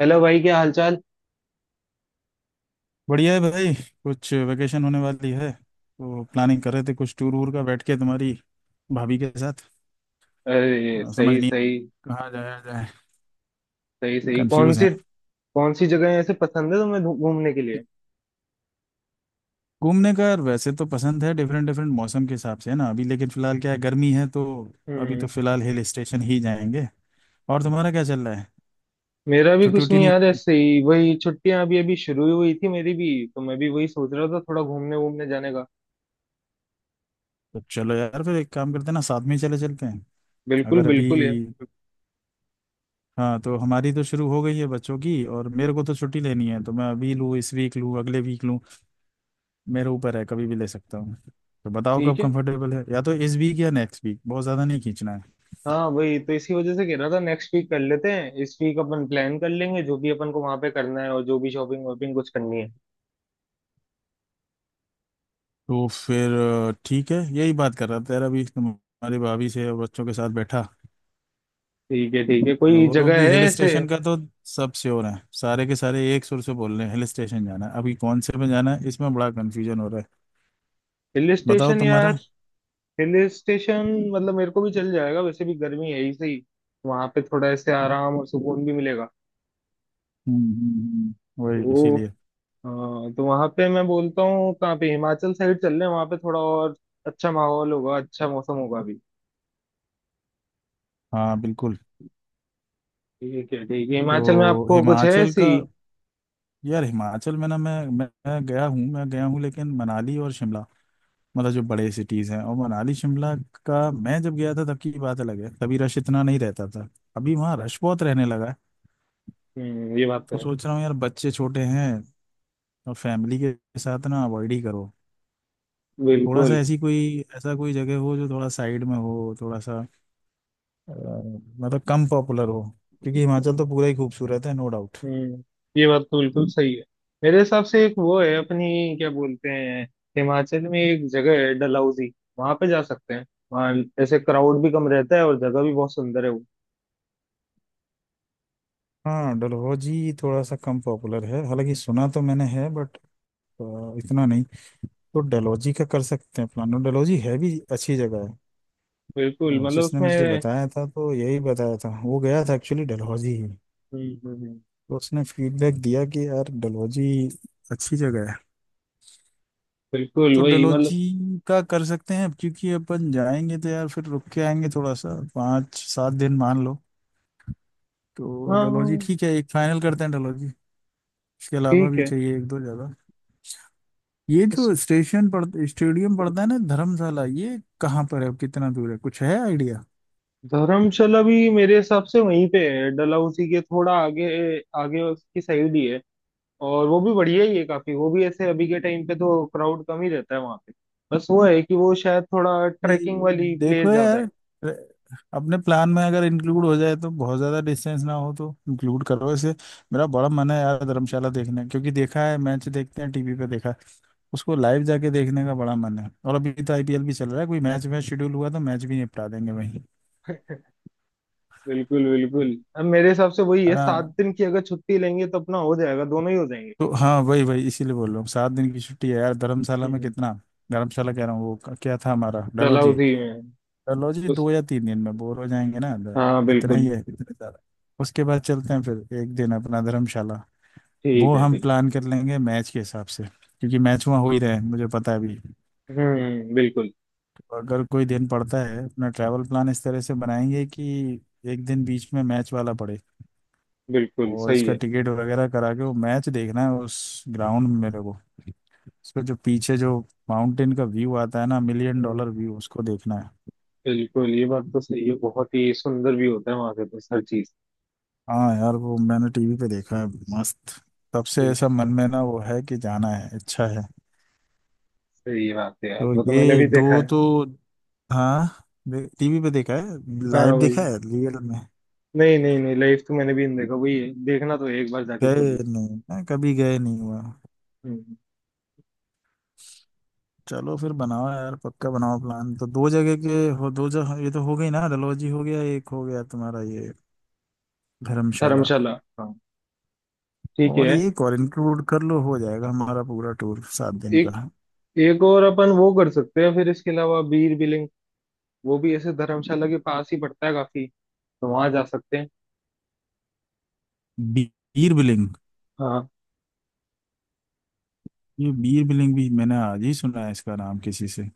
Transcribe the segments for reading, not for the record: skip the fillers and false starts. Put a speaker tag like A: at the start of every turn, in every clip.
A: Hello भाई, क्या हालचाल।
B: बढ़िया है भाई। कुछ वेकेशन होने वाली है तो प्लानिंग कर रहे थे, कुछ टूर वूर का, बैठ के तुम्हारी भाभी के साथ।
A: अरे
B: समझ
A: सही
B: नहीं
A: सही।
B: कहाँ जाया जाए।
A: सही सही, कौन
B: कंफ्यूज
A: सी।
B: हैं।
A: कौन सी जगह ऐसे पसंद है तुम्हें घूमने के लिए।
B: घूमने का वैसे तो पसंद है, डिफरेंट डिफरेंट मौसम के हिसाब से, है ना। अभी लेकिन फिलहाल क्या है, गर्मी है, तो अभी तो
A: हम्म।
B: फिलहाल हिल स्टेशन ही जाएंगे। और तुम्हारा क्या चल रहा है?
A: मेरा भी
B: छुट्टी
A: कुछ
B: उट्टी
A: नहीं
B: नहीं
A: यार,
B: हुई?
A: ऐसे ही वही छुट्टियां अभी अभी शुरू ही हुई थी मेरी भी। तो मैं भी वही सोच रहा था थोड़ा घूमने घूमने जाने का।
B: तो चलो यार, फिर एक काम करते हैं ना, साथ में ही चले चलते हैं।
A: बिल्कुल
B: अगर अभी,
A: बिल्कुल यार।
B: हाँ, तो हमारी तो शुरू हो गई है बच्चों की, और मेरे को तो छुट्टी लेनी है, तो मैं अभी लूँ, इस वीक लूँ, अगले वीक लूँ, मेरे ऊपर है, कभी भी ले सकता हूँ। तो बताओ
A: ठीक
B: कब
A: है।
B: कंफर्टेबल है, या तो इस वीक या नेक्स्ट वीक, बहुत ज़्यादा नहीं खींचना है।
A: हाँ, वही तो इसी वजह से कह रहा था, नेक्स्ट वीक कर लेते हैं, इस वीक अपन प्लान कर लेंगे जो भी अपन को वहां पे करना है और जो भी शॉपिंग वॉपिंग कुछ करनी है।
B: तो फिर ठीक है, यही बात कर रहा था यार अभी तुम्हारी भाभी से और बच्चों के साथ बैठा।
A: ठीक है ठीक है, कोई
B: वो लोग
A: जगह
B: भी
A: है
B: हिल
A: ऐसे।
B: स्टेशन का तो सब श्योर हैं, सारे के सारे एक सुर से बोल रहे हैं हिल स्टेशन जाना है। अभी कौन से में जाना है, इसमें बड़ा कन्फ्यूजन हो रहा है।
A: हिल
B: बताओ
A: स्टेशन या।
B: तुम्हारा।
A: Hill station. मतलब मेरे को भी चल जाएगा, वैसे भी गर्मी है ही सही। वहां पे थोड़ा ऐसे आराम और सुकून भी मिलेगा।
B: हम्म, वही
A: तो।
B: इसीलिए।
A: हाँ, तो वहां पे मैं बोलता हूँ कहाँ पे, हिमाचल साइड चल रहे हैं, वहां पे थोड़ा और अच्छा माहौल होगा, अच्छा मौसम होगा भी।
B: हाँ बिल्कुल।
A: ठीक है ठीक है, हिमाचल में
B: तो
A: आपको कुछ है
B: हिमाचल
A: ऐसी।
B: का, यार हिमाचल में ना, मैं गया हूँ, मैं गया हूँ, लेकिन मनाली और शिमला, मतलब जो बड़े सिटीज हैं। और मनाली शिमला का मैं जब गया था, तब की बात अलग है, तभी रश इतना नहीं रहता था। अभी वहाँ
A: अच्छा।
B: रश बहुत रहने लगा है।
A: हम्म, ये बात तो
B: तो
A: है।
B: सोच रहा हूँ यार, बच्चे छोटे हैं और फैमिली के साथ ना, अवॉइड ही करो। थोड़ा सा
A: बिल्कुल।
B: ऐसी कोई, ऐसा कोई जगह हो जो थोड़ा साइड में हो, थोड़ा सा अ, मतलब कम पॉपुलर हो। क्योंकि हिमाचल तो पूरा ही खूबसूरत है, नो डाउट।
A: हम्म, ये बात तो बिल्कुल सही है। मेरे हिसाब से एक वो है अपनी, क्या बोलते हैं। हिमाचल में एक जगह है डलहौजी। वहां पे जा सकते हैं। वहाँ ऐसे क्राउड भी कम रहता है और जगह भी बहुत सुंदर है वो।
B: हाँ, डलहौजी थोड़ा सा कम पॉपुलर है, हालांकि सुना तो मैंने है, बट इतना नहीं। तो डलहौजी का कर सकते हैं प्लान, और डलहौजी है भी अच्छी जगह है।
A: बिल्कुल,
B: और
A: मतलब
B: जिसने मुझे
A: उसमें।
B: बताया था, तो यही बताया था, वो गया था एक्चुअली डलहौजी ही।
A: हम्म, हम्म।
B: तो उसने फीडबैक दिया कि यार डलहौजी अच्छी जगह है।
A: बिल्कुल
B: तो
A: वही, मतलब।
B: डलहौजी का कर सकते हैं, क्योंकि अपन जाएंगे तो यार फिर रुक के आएंगे थोड़ा सा, 5-7 दिन मान लो। तो डलहौजी
A: हाँ।
B: ठीक है, एक फाइनल करते हैं डलहौजी। इसके अलावा
A: ठीक
B: भी
A: है।
B: चाहिए एक दो जगह। ये
A: उस-
B: जो स्टेशन पड़ स्टेडियम पड़ता है ना धर्मशाला, ये कहाँ पर है, कितना दूर है, कुछ है आइडिया?
A: धर्मशाला भी मेरे हिसाब से वहीं पे है, डलहौजी के थोड़ा आगे। आगे उसकी साइड ही है। और वो भी बढ़िया ही है काफी, वो भी ऐसे अभी के टाइम पे तो क्राउड कम ही रहता है वहां पे। बस वो है कि वो शायद थोड़ा ट्रैकिंग
B: ये-
A: वाली
B: देखो
A: प्लेस ज्यादा है।
B: यार, अपने प्लान में अगर इंक्लूड हो जाए, तो बहुत ज्यादा डिस्टेंस ना हो तो इंक्लूड करो इसे। मेरा बड़ा मन है यार धर्मशाला देखने, क्योंकि देखा है, मैच देखते हैं टीवी पे देखा, उसको लाइव जाके देखने का बड़ा मन है। और अभी तो आईपीएल भी चल रहा है, कोई मैच वैच शेड्यूल हुआ तो मैच भी निपटा देंगे वहीं।
A: बिल्कुल बिल्कुल। अब मेरे हिसाब से वही
B: है
A: है,
B: ना।
A: 7 दिन की अगर छुट्टी लेंगे तो अपना हो जाएगा, दोनों ही हो जाएंगे फिर।
B: तो हाँ, वही वही इसीलिए बोल रहा हूँ, 7 दिन की छुट्टी है यार, धर्मशाला में
A: हम्म।
B: कितना, धर्मशाला कह रहा हूँ, वो क्या था हमारा, डलहौजी।
A: डलहौजी में है।
B: चलो जी,
A: उस।
B: 2 या 3 दिन में बोर हो जाएंगे ना।
A: हाँ
B: इतना ही
A: बिल्कुल।
B: है, इतना ज्यादा। उसके बाद चलते हैं फिर एक दिन अपना धर्मशाला। वो
A: ठीक है
B: हम
A: ठीक।
B: प्लान कर लेंगे मैच के हिसाब से, क्योंकि मैच वहाँ हो ही रहे हैं मुझे पता है अभी।
A: हम्म, बिल्कुल।
B: अगर कोई दिन पड़ता है, अपना ट्रैवल प्लान इस तरह से बनाएंगे कि एक दिन बीच में मैच वाला पड़े।
A: बिल्कुल
B: और
A: सही
B: उसका
A: है।
B: टिकट वगैरह करा के वो मैच देखना है उस ग्राउंड में मेरे को। उसका जो पीछे जो माउंटेन का व्यू आता है ना, मिलियन
A: हम्म,
B: डॉलर व्यू, उसको देखना है।
A: बिल्कुल, ये बात तो सही है, बहुत ही सुंदर भी होता है वहां पे तो हर चीज।
B: हाँ यार, वो मैंने टीवी पे देखा है, मस्त। तब से
A: बिल्कुल।
B: ऐसा मन में ना वो है कि जाना है, अच्छा है।
A: सही बात है यार,
B: तो
A: वो तो मैंने
B: ये
A: भी देखा
B: दो
A: है।
B: तो, हाँ, टीवी पे देखा है,
A: हाँ
B: लाइव देखा
A: भाई।
B: है, रियल में
A: नहीं नहीं नहीं, लाइफ तो मैंने भी नहीं देखा, वही है, देखना तो है एक बार जाके
B: गए
A: जरूर।
B: नहीं, मैं कभी गए नहीं हुआ।
A: हम्म,
B: चलो फिर बनाओ यार, पक्का बनाओ प्लान, तो दो जगह के हो, दो जगह, ये तो हो गई ना, डलहौजी हो गया एक, हो गया तुम्हारा ये धर्मशाला,
A: धर्मशाला। हाँ। ठीक
B: और
A: है।
B: ये और इंक्लूड कर लो, हो जाएगा हमारा पूरा टूर 7 दिन
A: एक।
B: का।
A: एक और अपन वो कर सकते हैं फिर इसके अलावा बीर बिलिंग। वो भी ऐसे धर्मशाला के पास ही पड़ता है काफी। तो वहां जा सकते हैं।
B: बी- बीर बिलिंग,
A: हाँ।
B: ये बीर बिलिंग भी मैंने आज ही सुना है इसका नाम किसी से।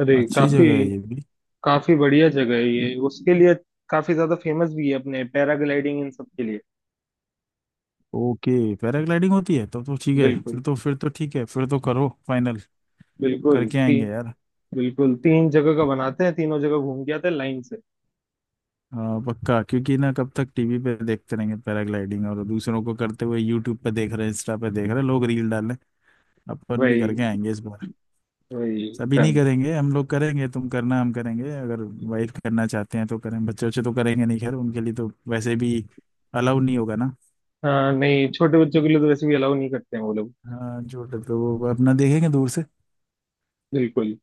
A: अरे
B: अच्छी
A: काफी।
B: जगह है ये भी।
A: काफी बढ़िया जगह है ये उसके लिए। काफी ज्यादा फेमस भी है अपने पैराग्लाइडिंग इन सब के लिए।
B: ओके, पैराग्लाइडिंग होती है तो ठीक है, फिर
A: बिल्कुल।
B: तो, फिर तो ठीक है, फिर तो करो फाइनल,
A: बिल्कुल
B: करके आएंगे
A: तीन।
B: यार।
A: बिल्कुल, तीन जगह का बनाते हैं, तीनों जगह घूम के आते हैं लाइन से।
B: हाँ पक्का। क्योंकि ना कब तक टीवी पे देखते रहेंगे पैराग्लाइडिंग, और दूसरों को करते हुए यूट्यूब पे देख रहे हैं, इंस्टा पे देख रहे हैं, लोग रील डाल रहे हैं, अपन भी
A: वही।
B: करके आएंगे इस बार।
A: वही।
B: सभी नहीं
A: डन।
B: करेंगे, हम लोग करेंगे, तुम करना हम करेंगे, अगर वाइफ करना चाहते हैं तो करें, बच्चे, बच्चे तो करेंगे नहीं, खैर उनके लिए तो वैसे भी अलाउ नहीं होगा ना।
A: हाँ नहीं, छोटे बच्चों के लिए तो वैसे भी अलाउ नहीं करते हैं वो लोग।
B: हाँ जो, तो वो अपना देखेंगे दूर से।
A: बिल्कुल।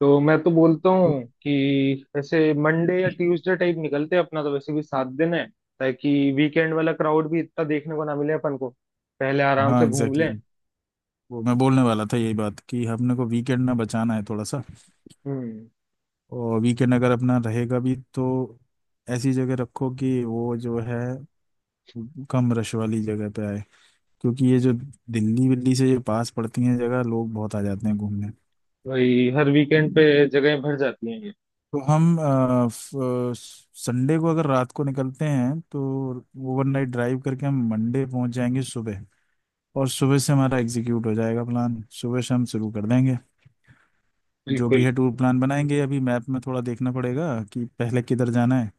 A: तो मैं तो बोलता हूँ कि ऐसे मंडे या ट्यूसडे टाइप निकलते हैं, अपना तो वैसे भी 7 दिन है। ताकि वीकेंड वाला क्राउड भी इतना देखने को ना मिले अपन को, पहले आराम
B: हाँ
A: से घूम
B: एग्जैक्टली,
A: लें।
B: exactly। वो मैं बोलने वाला था, यही बात कि हमने को वीकेंड में बचाना है थोड़ा सा।
A: हम्म।
B: और वीकेंड अगर अपना रहेगा भी, तो ऐसी जगह रखो कि वो जो है कम रश वाली जगह पे आए। क्योंकि ये जो दिल्ली विल्ली से ये पास पड़ती हैं जगह, लोग बहुत आ जाते हैं घूमने।
A: वही हर वीकेंड पे जगहें भर जाती हैं ये।
B: तो हम संडे को अगर रात को निकलते हैं तो ओवरनाइट ड्राइव करके हम मंडे पहुंच जाएंगे सुबह। और सुबह से हमारा एग्जीक्यूट हो जाएगा प्लान, सुबह से हम शुरू कर देंगे जो भी
A: बिल्कुल।
B: है, टूर प्लान बनाएंगे। अभी मैप में थोड़ा देखना पड़ेगा कि पहले किधर जाना है।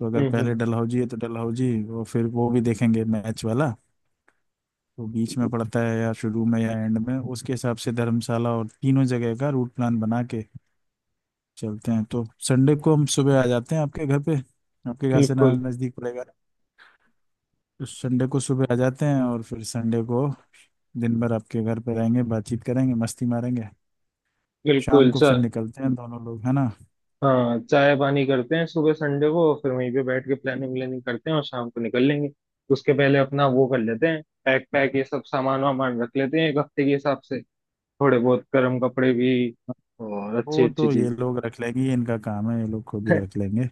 B: तो अगर पहले
A: हम्म।
B: डलहौजी है तो डलहौजी, और फिर वो भी देखेंगे मैच वाला। तो बीच में पड़ता है या शुरू में या एंड में, उसके हिसाब से धर्मशाला और तीनों जगह का रूट प्लान बना के चलते हैं। तो संडे को हम सुबह आ जाते हैं आपके घर पे, आपके घर से ना
A: बिल्कुल।
B: नज़दीक पड़ेगा। तो संडे को सुबह आ जाते हैं और फिर संडे को दिन भर आपके घर पे रहेंगे, बातचीत करेंगे, मस्ती मारेंगे। शाम
A: बिल्कुल
B: को फिर
A: सर।
B: निकलते हैं दोनों लोग, है ना।
A: हाँ, चाय पानी करते हैं सुबह संडे को, फिर वहीं पे बैठ के प्लानिंग व्लानिंग करते हैं और शाम को निकल लेंगे। उसके पहले अपना वो कर लेते हैं, पैक पैक ये सब सामान वामान रख लेते हैं एक हफ्ते के हिसाब से। थोड़े बहुत गर्म कपड़े भी। और अच्छी
B: वो
A: अच्छी
B: तो ये
A: चीजें।
B: लोग रख लेंगे, ये इनका काम है, ये लोग खुद ही रख लेंगे।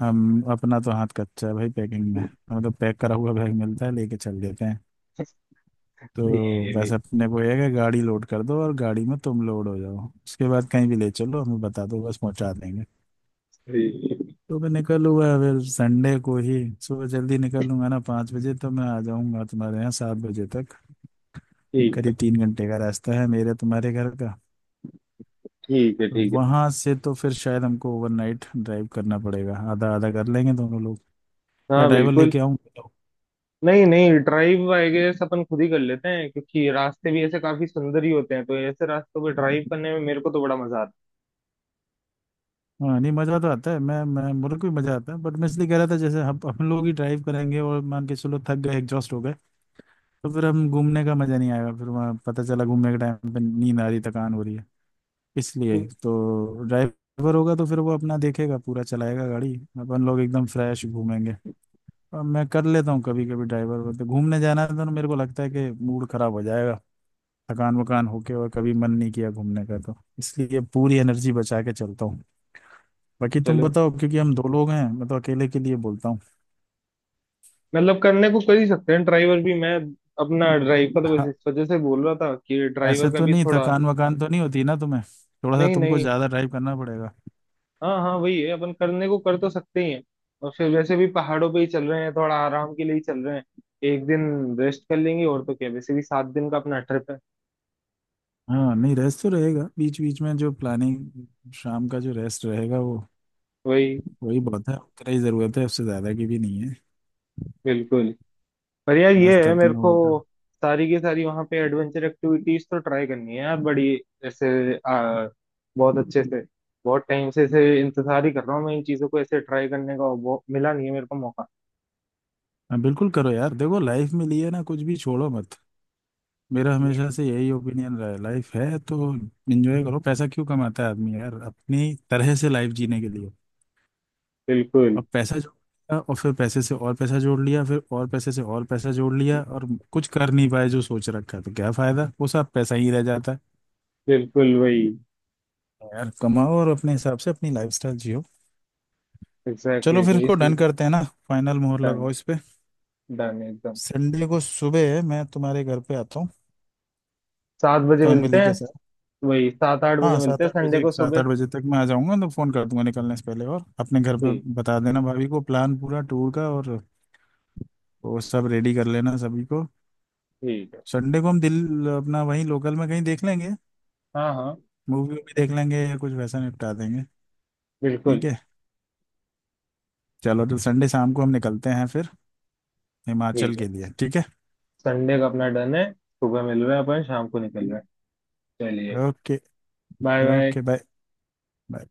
B: हम अपना तो हाथ कच्चा है भाई पैकिंग में। मतलब पैक करा हुआ बैग मिलता है, लेके चल देते हैं।
A: सही है
B: तो
A: ये भी।
B: बस अपने को ये है कि गाड़ी लोड कर दो और गाड़ी में तुम लोड हो जाओ, उसके बाद कहीं भी ले चलो, हमें बता दो बस, पहुंचा देंगे।
A: सही है।
B: तो मैं निकल हुआ है, फिर संडे को ही सुबह जल्दी निकल लूंगा ना, 5 बजे तो मैं आ जाऊंगा तुम्हारे यहाँ 7 बजे तक।
A: ठीक है।
B: करीब 3 घंटे का रास्ता है मेरे तुम्हारे घर का।
A: ठीक है।
B: और
A: ठीक है।
B: वहां से तो फिर शायद हमको ओवरनाइट ड्राइव करना पड़ेगा, आधा आधा कर लेंगे दोनों लोग, या
A: हाँ
B: ड्राइवर
A: बिल्कुल।
B: लेके आऊँ, बताओ।
A: नहीं नहीं, ड्राइव आई गेस अपन खुद ही कर लेते हैं, क्योंकि रास्ते भी ऐसे काफी सुंदर ही होते हैं तो ऐसे रास्तों पे ड्राइव करने में मेरे को तो बड़ा मजा आता
B: हाँ नहीं, मज़ा तो आता है, मैं मेरे को भी मज़ा आता है, बट मैं इसलिए कह रहा था, जैसे हम लोग ही ड्राइव करेंगे और मान के चलो थक गए, एग्जॉस्ट हो गए, तो फिर हम घूमने का मज़ा नहीं आएगा, फिर वहाँ पता चला घूमने के टाइम पे नींद आ रही, थकान हो रही है इसलिए।
A: है।
B: तो ड्राइवर होगा तो फिर वो अपना देखेगा, पूरा चलाएगा गाड़ी, अपन लोग एकदम फ्रेश घूमेंगे। और मैं कर लेता हूँ कभी कभी ड्राइवर, तो घूमने जाना है तो मेरे को लगता है कि मूड खराब हो जाएगा थकान वकान होके, और कभी मन नहीं किया घूमने का, तो इसलिए पूरी एनर्जी बचा के चलता हूँ। बाकी तुम
A: चलो।
B: बताओ, क्योंकि हम दो लोग हैं, मैं तो अकेले के लिए बोलता हूँ।
A: मतलब करने को कर ही सकते हैं ड्राइवर भी, मैं अपना ड्राइव का तो बस
B: हाँ,
A: इस वजह से बोल रहा था कि ड्राइवर
B: ऐसे
A: का
B: तो
A: भी
B: नहीं,
A: थोड़ा।
B: थकान वकान तो नहीं होती ना तुम्हें, थोड़ा सा
A: नहीं
B: तुमको
A: नहीं।
B: ज्यादा ड्राइव करना पड़ेगा।
A: हाँ हाँ, वही है, अपन करने को कर तो सकते ही हैं। और फिर वैसे भी पहाड़ों पे ही चल रहे हैं, थोड़ा आराम के लिए ही चल रहे हैं। एक दिन रेस्ट कर लेंगे, और तो क्या, वैसे भी 7 दिन का अपना ट्रिप है।
B: हाँ नहीं, रेस्ट तो रहेगा बीच बीच में, जो प्लानिंग शाम का जो रेस्ट रहेगा, वो
A: वही।
B: वही बहुत है, उतना ही जरूरत है, उससे ज्यादा की भी नहीं है।
A: बिल्कुल। पर यार ये
B: मस्त
A: है,
B: अपना
A: मेरे को
B: होटल।
A: सारी की सारी वहां पे एडवेंचर एक्टिविटीज तो ट्राई करनी है यार बड़ी ऐसे, बहुत अच्छे से। बहुत टाइम से ऐसे इंतजार ही कर रहा हूँ मैं इन चीजों को ऐसे ट्राई करने का और वो मिला नहीं है मेरे को मौका।
B: हाँ बिल्कुल करो यार, देखो लाइफ में लिए ना कुछ भी छोड़ो मत। मेरा हमेशा से यही ओपिनियन रहा है, लाइफ है तो एंजॉय करो। पैसा क्यों कमाता है आदमी यार, अपनी तरह से लाइफ जीने के लिए।
A: बिल्कुल।
B: अब पैसा जोड़ लिया, और फिर पैसे से और पैसा जोड़ लिया, फिर और पैसे से और पैसा जोड़ लिया, और कुछ कर नहीं पाए जो सोच रखा है, तो क्या फायदा, वो सब पैसा ही रह जाता है
A: बिल्कुल वही।
B: यार। कमाओ और अपने हिसाब से अपनी लाइफस्टाइल जियो।
A: एग्जैक्टली
B: चलो फिर
A: वही।
B: इसको डन करते हैं ना, फाइनल मोहर
A: डन।
B: लगाओ इस पे।
A: डन एकदम।
B: संडे को सुबह मैं तुम्हारे घर पे आता हूँ,
A: 7 बजे मिलते
B: फैमिली
A: हैं।
B: के साथ।
A: वही 7-8 बजे
B: हाँ
A: मिलते
B: सात
A: हैं
B: आठ
A: संडे
B: बजे
A: को
B: सात
A: सुबह।
B: आठ बजे तक मैं आ जाऊंगा, तो फोन कर दूंगा निकलने से पहले। और अपने घर पे
A: ठीक।
B: बता देना भाभी को प्लान पूरा टूर का, और वो सब रेडी कर लेना सभी को।
A: ठीक है।
B: संडे को हम दिल अपना वहीं लोकल में कहीं देख लेंगे,
A: हाँ हाँ
B: मूवी भी देख लेंगे या कुछ वैसा निपटा देंगे। ठीक
A: बिल्कुल।
B: है। चलो, तो संडे शाम को हम निकलते हैं फिर, हिमाचल
A: ठीक है।
B: के लिए। ठीक है।
A: संडे का अपना डन है, सुबह मिल रहे हैं अपन, शाम को निकल रहे हैं। चलिए।
B: Okay.
A: Bye bye.
B: Okay bye. Bye.